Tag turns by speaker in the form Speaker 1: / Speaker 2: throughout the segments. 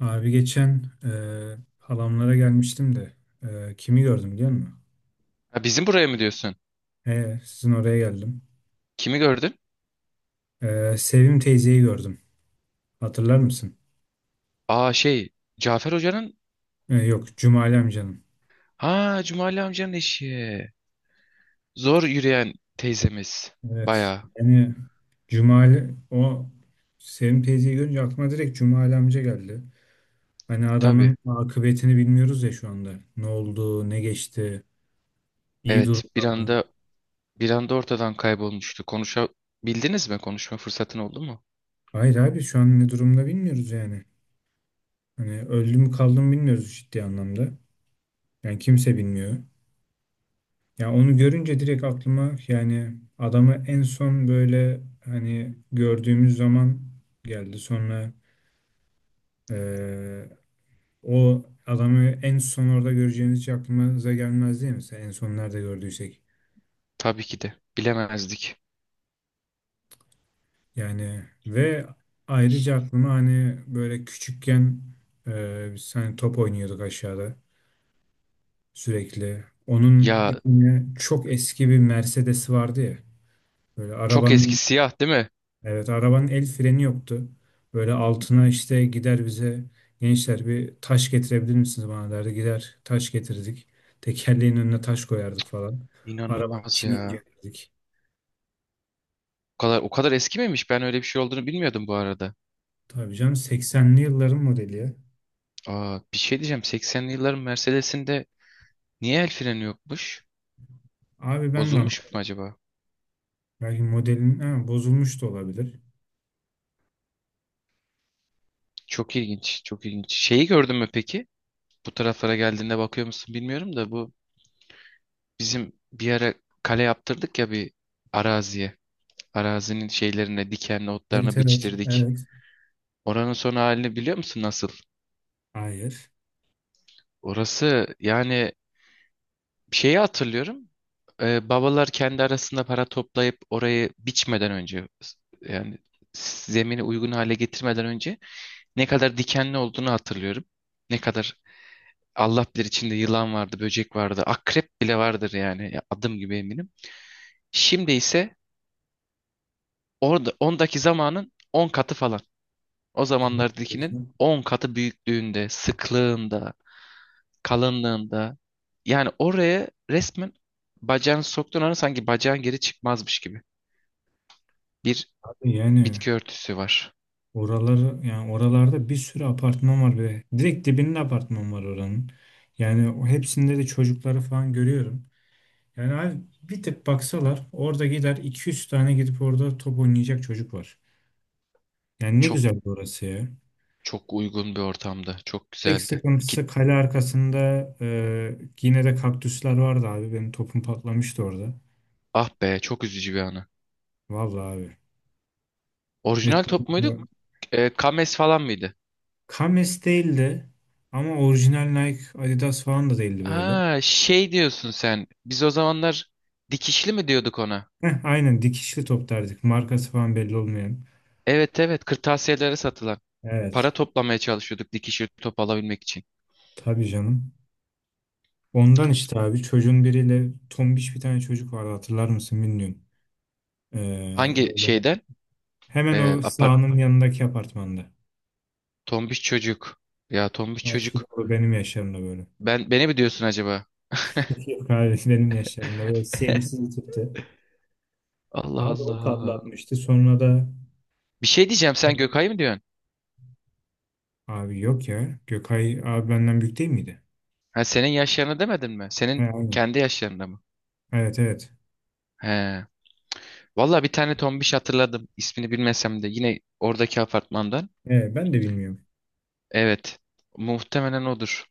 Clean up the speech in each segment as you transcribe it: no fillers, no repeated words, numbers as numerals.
Speaker 1: Abi geçen halamlara gelmiştim de kimi gördüm biliyor musun?
Speaker 2: Ha, bizim buraya mı diyorsun?
Speaker 1: Sizin oraya geldim.
Speaker 2: Kimi gördün?
Speaker 1: Sevim teyzeyi gördüm. Hatırlar mısın?
Speaker 2: Aa şey Cafer Hoca'nın
Speaker 1: Yok, Cumali amcanın.
Speaker 2: ha Cumali amcanın eşi. Zor yürüyen teyzemiz.
Speaker 1: Evet.
Speaker 2: Bayağı
Speaker 1: Yani Cumali, o Sevim teyzeyi görünce aklıma direkt Cumali amca geldi. Hani
Speaker 2: tabii.
Speaker 1: adamın akıbetini bilmiyoruz ya şu anda. Ne oldu, ne geçti, iyi
Speaker 2: Evet
Speaker 1: durumda
Speaker 2: bir
Speaker 1: mı?
Speaker 2: anda bir anda ortadan kaybolmuştu. Konuşabildiniz mi? Konuşma fırsatın oldu mu?
Speaker 1: Hayır abi, şu an ne durumda bilmiyoruz yani. Hani öldü mü kaldı mı bilmiyoruz ciddi anlamda. Yani kimse bilmiyor. Ya onu görünce direkt aklıma, yani adamı en son böyle hani gördüğümüz zaman geldi. Sonra eee, o adamı en son orada göreceğimiz hiç aklımıza gelmez değil mi? Mesela en son nerede gördüysek.
Speaker 2: Tabii ki de. Bilemezdik.
Speaker 1: Yani ve ayrıca aklıma hani böyle küçükken biz hani top oynuyorduk aşağıda sürekli. Onun
Speaker 2: Ya
Speaker 1: bir tane çok eski bir Mercedes'i vardı ya. Böyle
Speaker 2: çok eski
Speaker 1: arabanın...
Speaker 2: siyah değil mi?
Speaker 1: Evet, arabanın el freni yoktu. Böyle altına işte gider, bize gençler bir taş getirebilir misiniz bana derdi. Gider taş getirdik. Tekerleğin önüne taş koyardık falan. Arabanın
Speaker 2: İnanılmaz
Speaker 1: içini
Speaker 2: ya.
Speaker 1: incelerdik.
Speaker 2: O kadar o kadar eski miymiş? Ben öyle bir şey olduğunu bilmiyordum bu arada.
Speaker 1: Tabii canım, 80'li yılların modeli ya.
Speaker 2: Aa bir şey diyeceğim. 80'li yılların Mercedes'inde niye el freni yokmuş?
Speaker 1: Abi ben de ama
Speaker 2: Bozulmuş mu acaba?
Speaker 1: belki modelin ha, bozulmuş da olabilir.
Speaker 2: Çok ilginç, çok ilginç. Şeyi gördün mü peki? Bu taraflara geldiğinde bakıyor musun bilmiyorum da bu bizim bir ara kale yaptırdık ya bir araziye. Arazinin şeylerine, dikenli
Speaker 1: Evet,
Speaker 2: otlarına
Speaker 1: evet,
Speaker 2: biçtirdik.
Speaker 1: evet.
Speaker 2: Oranın son halini biliyor musun nasıl?
Speaker 1: Hayır.
Speaker 2: Orası yani şeyi hatırlıyorum. Babalar kendi arasında para toplayıp orayı biçmeden önce yani zemini uygun hale getirmeden önce ne kadar dikenli olduğunu hatırlıyorum. Ne kadar Allah bilir içinde yılan vardı, böcek vardı, akrep bile vardır yani. Ya adım gibi eminim. Şimdi ise orada ondaki zamanın 10 katı falan. O zamanlardakinin 10 katı büyüklüğünde, sıklığında, kalınlığında. Yani oraya resmen bacağını soktuğun an sanki bacağın geri çıkmazmış gibi. Bir
Speaker 1: Abi yani...
Speaker 2: bitki örtüsü var.
Speaker 1: Oraları, yani oralarda bir sürü apartman var ve direkt dibinde apartman var oranın. Yani o hepsinde de çocukları falan görüyorum. Yani abi, bir tık baksalar orada, gider 200 tane gidip orada top oynayacak çocuk var. Yani ne
Speaker 2: Çok
Speaker 1: güzel orası ya.
Speaker 2: çok uygun bir ortamda. Çok
Speaker 1: Tek
Speaker 2: güzeldi. İki,
Speaker 1: sıkıntısı kale arkasında yine de kaktüsler vardı abi. Benim topum patlamıştı orada.
Speaker 2: ah be çok üzücü bir anı.
Speaker 1: Vallahi abi. Ve
Speaker 2: Orijinal top muydu?
Speaker 1: çocuklar-
Speaker 2: Kames falan mıydı?
Speaker 1: Kames değildi ama orijinal Nike Adidas falan da değildi böyle.
Speaker 2: Ha şey diyorsun sen. Biz o zamanlar dikişli mi diyorduk ona?
Speaker 1: Heh, aynen, dikişli top derdik. Markası falan belli olmayan.
Speaker 2: Evet evet kırtasiyelere satılan.
Speaker 1: Evet.
Speaker 2: Para toplamaya çalışıyorduk dikişli top alabilmek için.
Speaker 1: Tabii canım. Ondan işte abi, çocuğun biriyle, tombiş bir tane çocuk vardı, hatırlar mısın bilmiyorum.
Speaker 2: Hangi
Speaker 1: Böyle
Speaker 2: şeyden?
Speaker 1: hemen o
Speaker 2: Apart
Speaker 1: sahanın yanındaki apartmanda.
Speaker 2: tombiş çocuk. Ya tombiş
Speaker 1: Belki
Speaker 2: çocuk.
Speaker 1: o benim yaşlarımda böyle.
Speaker 2: Ben beni mi diyorsun acaba?
Speaker 1: Yok abi, benim yaşlarımda böyle sevimsiz bir tipti.
Speaker 2: Allah
Speaker 1: Abi o
Speaker 2: Allah.
Speaker 1: patlatmıştı. Sonra da
Speaker 2: Bir şey diyeceğim sen Gökay mı diyorsun?
Speaker 1: abi yok ya. Gökay abi benden büyük değil miydi?
Speaker 2: Ha, senin yaşlarını demedin mi?
Speaker 1: He,
Speaker 2: Senin
Speaker 1: aynen.
Speaker 2: kendi yaşlarında mı?
Speaker 1: Evet, evet.
Speaker 2: He. Valla bir tane tombiş hatırladım. İsmini bilmesem de yine oradaki apartmandan.
Speaker 1: He, ben de bilmiyorum.
Speaker 2: Evet. Muhtemelen odur.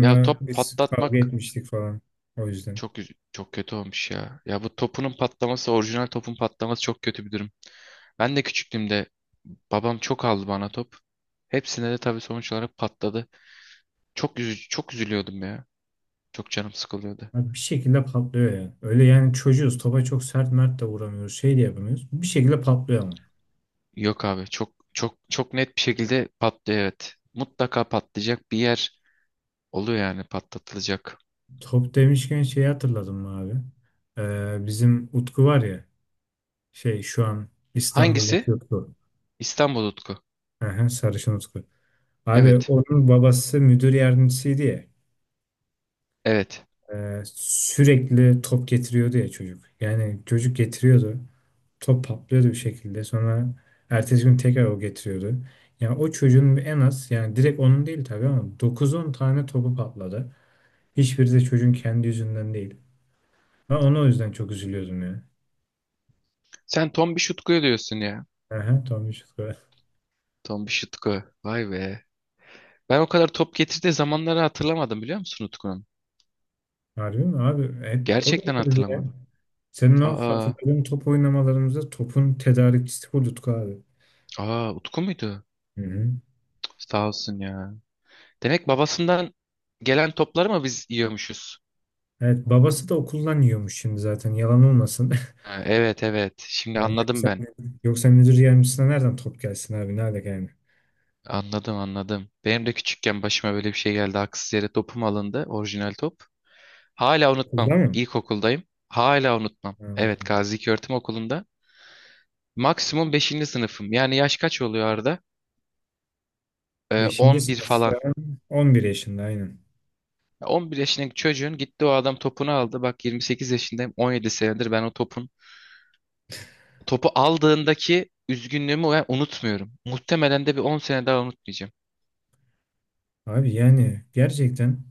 Speaker 2: Ya top
Speaker 1: biz kavga
Speaker 2: patlatmak
Speaker 1: etmiştik falan. O yüzden.
Speaker 2: çok kötü olmuş ya. Ya bu topunun patlaması, orijinal topun patlaması çok kötü bir durum. Ben de küçüklüğümde babam çok aldı bana top. Hepsine de tabii sonuç olarak patladı. Çok üzülüyordum ya. Çok canım sıkılıyordu.
Speaker 1: Abi bir şekilde patlıyor ya. Öyle yani, çocuğuz. Topa çok sert mert de vuramıyoruz. Şey de yapamıyoruz. Bir şekilde patlıyor ama.
Speaker 2: Yok abi çok çok çok net bir şekilde patlıyor evet. Mutlaka patlayacak bir yer oluyor yani patlatılacak.
Speaker 1: Top demişken şeyi hatırladım mı abi? Bizim Utku var ya. Şey, şu an
Speaker 2: Hangisi?
Speaker 1: İstanbul'daki Utku.
Speaker 2: İstanbul Utku.
Speaker 1: Aha, sarışın Utku. Abi
Speaker 2: Evet.
Speaker 1: onun babası müdür yardımcısıydı ya.
Speaker 2: Evet.
Speaker 1: Sürekli top getiriyordu ya çocuk. Yani çocuk getiriyordu. Top patlıyordu bir şekilde. Sonra ertesi gün tekrar o getiriyordu. Yani o çocuğun en az, yani direkt onun değil tabii ama, dokuz on tane topu patladı. Hiçbiri de çocuğun kendi yüzünden değil. Ben ona o yüzden çok üzülüyordum ya.
Speaker 2: Sen Tombiş Utku'yu diyorsun ya.
Speaker 1: Aha, Tommy Şükrü.
Speaker 2: Tombiş Utku. Vay be. Ben o kadar top getirdiği zamanları hatırlamadım biliyor musun Utku'nun?
Speaker 1: Harbi mi abi? Hep o
Speaker 2: Gerçekten
Speaker 1: getirdi ya.
Speaker 2: hatırlamadım.
Speaker 1: Senin o
Speaker 2: Aa,
Speaker 1: hatırladığın top oynamalarımızda topun tedarikçisi bu Utku abi.
Speaker 2: aa, Utku muydu?
Speaker 1: Hı hı.
Speaker 2: Cık, sağ olsun ya. Demek babasından gelen topları mı biz yiyormuşuz?
Speaker 1: Evet, babası da okuldan yiyormuş şimdi zaten, yalan olmasın.
Speaker 2: Ha, evet evet. Şimdi
Speaker 1: Yani
Speaker 2: anladım
Speaker 1: yoksa,
Speaker 2: ben.
Speaker 1: yoksa müdür yardımcısına nereden top gelsin abi? Nerede yani?
Speaker 2: Anladım anladım. Benim de küçükken başıma böyle bir şey geldi. Haksız yere topum alındı. Orijinal top. Hala unutmam.
Speaker 1: Okulda mı?
Speaker 2: İlkokuldayım. Hala unutmam. Evet
Speaker 1: Hmm.
Speaker 2: Gazi İlköğretim Okulu'nda. Maksimum beşinci sınıfım. Yani yaş kaç oluyor Arda?
Speaker 1: Beşinci
Speaker 2: 11 falan.
Speaker 1: sınıfta 11 yaşında, aynen.
Speaker 2: Ya 11 yaşındaki çocuğun gitti o adam topunu aldı. Bak 28 yaşındayım 17 senedir ben o topun topu aldığındaki üzgünlüğümü ben unutmuyorum. Muhtemelen de bir 10 sene daha unutmayacağım.
Speaker 1: Abi yani gerçekten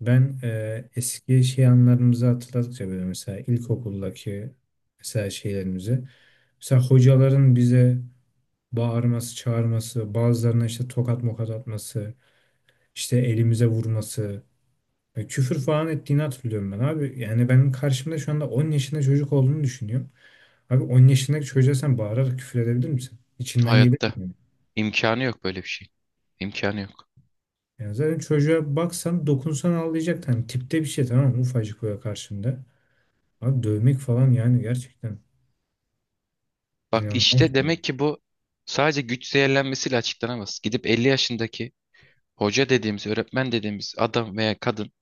Speaker 1: ben eski şey, anılarımızı hatırladıkça böyle, mesela ilkokuldaki mesela şeylerimizi, mesela hocaların bize bağırması, çağırması, bazılarına işte tokat mokat atması, işte elimize vurması, küfür falan ettiğini hatırlıyorum ben abi. Yani benim karşımda şu anda 10 yaşında çocuk olduğunu düşünüyorum. Abi 10 yaşındaki çocuğa sen bağırarak küfür edebilir misin? İçinden gelir
Speaker 2: Hayatta
Speaker 1: mi?
Speaker 2: imkanı yok böyle bir şey. İmkanı yok.
Speaker 1: Yani zaten çocuğa baksan dokunsan ağlayacak. Hani tipte bir şey, tamam mı? Ufacık böyle karşında. Abi dövmek falan yani, gerçekten
Speaker 2: Bak işte
Speaker 1: inanılmaz.
Speaker 2: demek ki bu sadece güç zehirlenmesiyle açıklanamaz. Gidip 50 yaşındaki hoca dediğimiz, öğretmen dediğimiz adam veya kadın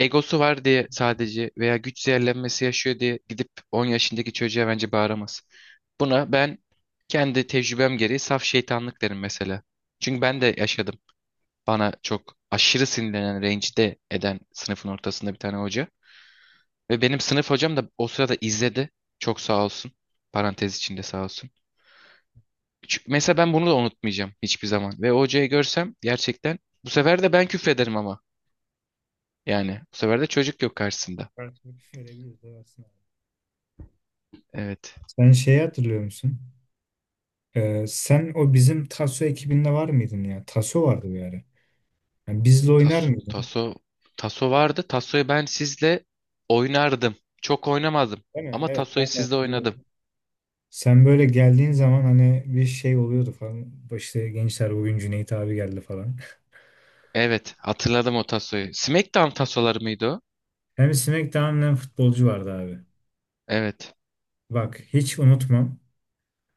Speaker 2: egosu var diye sadece veya güç zehirlenmesi yaşıyor diye gidip 10 yaşındaki çocuğa bence bağıramaz. Buna ben kendi tecrübem gereği saf şeytanlık derim mesela. Çünkü ben de yaşadım. Bana çok aşırı sinirlenen, rencide eden sınıfın ortasında bir tane hoca. Ve benim sınıf hocam da o sırada izledi. Çok sağ olsun. Parantez içinde sağ olsun. Çünkü mesela ben bunu da unutmayacağım hiçbir zaman. Ve o hocayı görsem gerçekten bu sefer de ben küfrederim ama. Yani bu sefer de çocuk yok karşısında.
Speaker 1: Farklılık görebiliriz, evet, aslında.
Speaker 2: Evet.
Speaker 1: Sen şeyi hatırlıyor musun? Sen o bizim Taso ekibinde var mıydın ya? Taso vardı bir ara. Yani bizle oynar
Speaker 2: Taso,
Speaker 1: mıydın?
Speaker 2: taso, taso vardı. Tasoyu ben sizle oynardım. Çok oynamadım.
Speaker 1: Değil mi?
Speaker 2: Ama
Speaker 1: Evet,
Speaker 2: tasoyu
Speaker 1: ben de
Speaker 2: sizle
Speaker 1: hatırlıyorum.
Speaker 2: oynadım.
Speaker 1: Sen böyle geldiğin zaman hani bir şey oluyordu falan. İşte gençler, bugün Cüneyt abi geldi falan.
Speaker 2: Evet, hatırladım o tasoyu. SmackDown tasoları mıydı o?
Speaker 1: Hem SmackDown'dan futbolcu vardı abi.
Speaker 2: Evet.
Speaker 1: Bak hiç unutmam.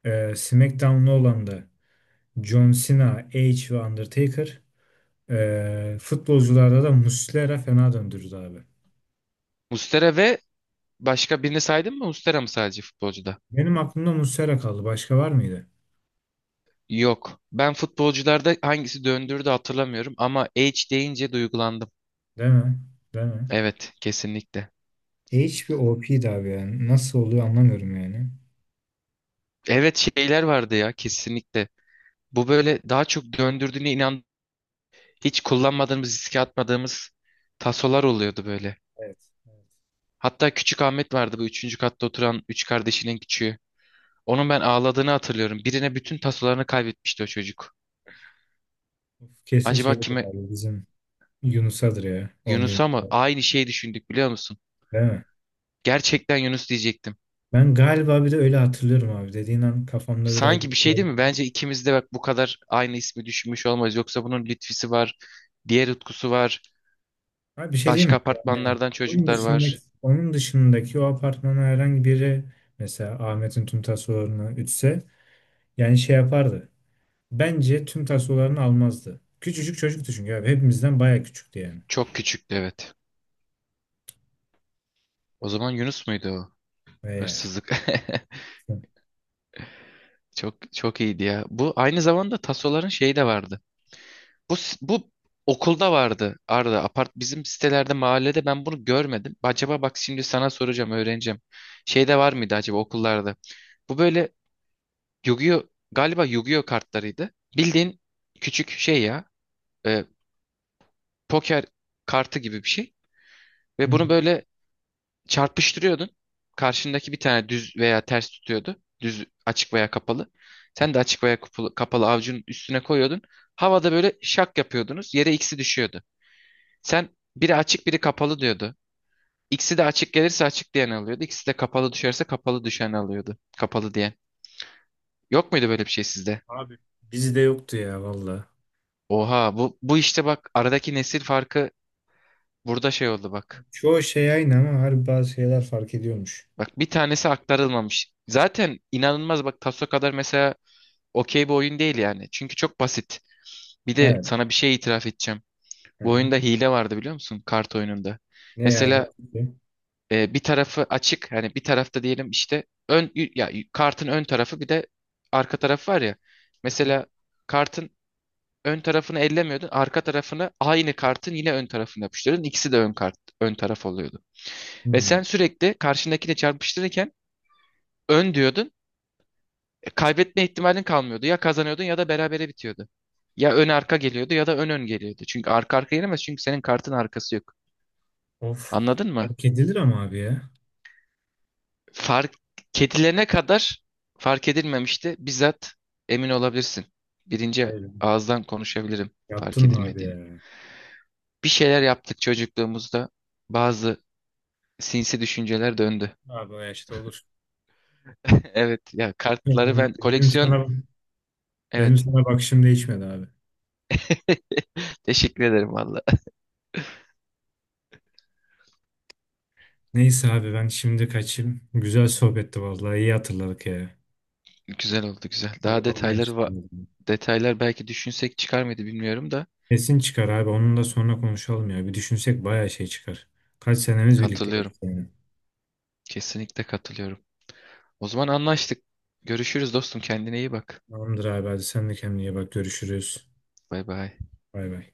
Speaker 1: SmackDown'lu olan da John Cena, Edge ve Undertaker. Futbolcularda da Muslera fena döndürdü abi.
Speaker 2: Mustera ve başka birini saydın mı? Mustera mı sadece futbolcuda?
Speaker 1: Benim aklımda Muslera kaldı. Başka var mıydı?
Speaker 2: Yok. Ben futbolcularda hangisi döndürdü hatırlamıyorum ama H deyince duygulandım.
Speaker 1: Değil mi? Değil mi?
Speaker 2: Evet, kesinlikle.
Speaker 1: Edge bir OP'ydi abi yani. Nasıl oluyor anlamıyorum yani.
Speaker 2: Evet şeyler vardı ya kesinlikle. Bu böyle daha çok döndürdüğüne inan hiç kullanmadığımız, riske atmadığımız tasolar oluyordu böyle.
Speaker 1: Evet. Evet.
Speaker 2: Hatta Küçük Ahmet vardı bu üçüncü katta oturan üç kardeşinin küçüğü. Onun ben ağladığını hatırlıyorum. Birine bütün tasolarını kaybetmişti o çocuk.
Speaker 1: Uf, kesin
Speaker 2: Acaba
Speaker 1: şeydir
Speaker 2: kime?
Speaker 1: abi, bizim Yunus'adır ya. 11.
Speaker 2: Yunus'a mı? Aynı şeyi düşündük biliyor musun?
Speaker 1: Değil mi?
Speaker 2: Gerçekten Yunus diyecektim.
Speaker 1: Ben galiba bir de öyle hatırlıyorum abi. Dediğin an kafamda biraz...
Speaker 2: Sanki bir şey değil mi? Bence ikimiz de bak bu kadar aynı ismi düşünmüş olmaz. Yoksa bunun Lütfi'si var, diğer Utku'su var,
Speaker 1: Abi bir şey diyeyim mi?
Speaker 2: başka
Speaker 1: Yani
Speaker 2: apartmanlardan
Speaker 1: onun
Speaker 2: çocuklar
Speaker 1: dışındaki,
Speaker 2: var.
Speaker 1: onun dışındaki o apartmana herhangi biri, mesela Ahmet'in tüm tasolarını ütse, yani şey yapardı. Bence tüm tasolarını almazdı. Küçücük çocuktu çünkü abi. Hepimizden baya küçüktü yani.
Speaker 2: Çok küçüktü evet. O zaman Yunus muydu o?
Speaker 1: Ve...
Speaker 2: Hırsızlık. Çok çok iyiydi ya. Bu aynı zamanda tasoların şeyi de vardı. Bu okulda vardı Arda. Apart bizim sitelerde mahallede ben bunu görmedim. Acaba bak şimdi sana soracağım öğreneceğim. Şeyde var mıydı acaba okullarda? Bu böyle Yu-Gi-Oh galiba Yu-Gi-Oh kartlarıydı. Bildiğin küçük şey ya e, poker kartı gibi bir şey.
Speaker 1: Hı
Speaker 2: Ve bunu
Speaker 1: hı.
Speaker 2: böyle çarpıştırıyordun. Karşındaki bir tane düz veya ters tutuyordu. Düz açık veya kapalı. Sen de açık veya kapalı, kapalı avucunun üstüne koyuyordun. Havada böyle şak yapıyordunuz. Yere ikisi düşüyordu. Sen biri açık biri kapalı diyordu. İkisi de açık gelirse açık diyen alıyordu. İkisi de kapalı düşerse kapalı düşen alıyordu. Kapalı diyen. Yok muydu böyle bir şey sizde?
Speaker 1: Abi bizde yoktu ya valla.
Speaker 2: Oha bu, bu işte bak aradaki nesil farkı burada şey oldu bak.
Speaker 1: Çoğu şey aynı ama harbi bazı şeyler fark ediyormuş.
Speaker 2: Bak bir tanesi aktarılmamış. Zaten inanılmaz bak Taso kadar mesela okey bir oyun değil yani. Çünkü çok basit. Bir de
Speaker 1: Evet.
Speaker 2: sana bir şey itiraf edeceğim.
Speaker 1: Hı
Speaker 2: Bu
Speaker 1: hı.
Speaker 2: oyunda hile vardı biliyor musun? Kart oyununda.
Speaker 1: Ne yani?
Speaker 2: Mesela bir tarafı açık hani bir tarafta diyelim işte ön y- ya y- kartın ön tarafı bir de arka tarafı var ya.
Speaker 1: Hı hı.
Speaker 2: Mesela kartın ön tarafını ellemiyordun, arka tarafını aynı kartın yine ön tarafına yapıştırıyordun. İkisi de ön kart ön taraf oluyordu. Ve
Speaker 1: Hmm.
Speaker 2: sen sürekli karşındakine çarpıştırırken ön diyordun. Kaybetme ihtimalin kalmıyordu. Ya kazanıyordun ya da berabere bitiyordu. Ya ön arka geliyordu ya da ön ön geliyordu. Çünkü arka arka gelemez çünkü senin kartın arkası yok.
Speaker 1: Of.
Speaker 2: Anladın mı?
Speaker 1: Fark edilir ama abi ya.
Speaker 2: Fark kedilene kadar fark edilmemişti. Bizzat emin olabilirsin. Birinci
Speaker 1: Hayır.
Speaker 2: ağızdan konuşabilirim fark
Speaker 1: Yaptın mı abi
Speaker 2: edilmediğini.
Speaker 1: ya?
Speaker 2: Bir şeyler yaptık çocukluğumuzda. Bazı sinsi düşünceler döndü.
Speaker 1: Abi o yaşta olur.
Speaker 2: Evet ya kartları
Speaker 1: Yani
Speaker 2: ben
Speaker 1: Benim
Speaker 2: koleksiyon
Speaker 1: sana benim
Speaker 2: evet.
Speaker 1: sana bakışım değişmedi abi.
Speaker 2: Teşekkür ederim valla.
Speaker 1: Neyse abi, ben şimdi kaçayım. Güzel sohbetti vallahi, iyi hatırladık ya.
Speaker 2: Güzel oldu güzel. Daha
Speaker 1: Konu konuya açıldı.
Speaker 2: detaylar belki düşünsek çıkar mıydı bilmiyorum da
Speaker 1: Kesin çıkar abi, onun da sonra konuşalım ya. Bir düşünsek bayağı şey çıkar. Kaç senemiz birlikte
Speaker 2: katılıyorum.
Speaker 1: geçti yani.
Speaker 2: Kesinlikle katılıyorum. O zaman anlaştık. Görüşürüz dostum. Kendine iyi bak.
Speaker 1: Tamamdır abi, hadi sen de kendine iyi bak, görüşürüz.
Speaker 2: Bay bay.
Speaker 1: Bay bay.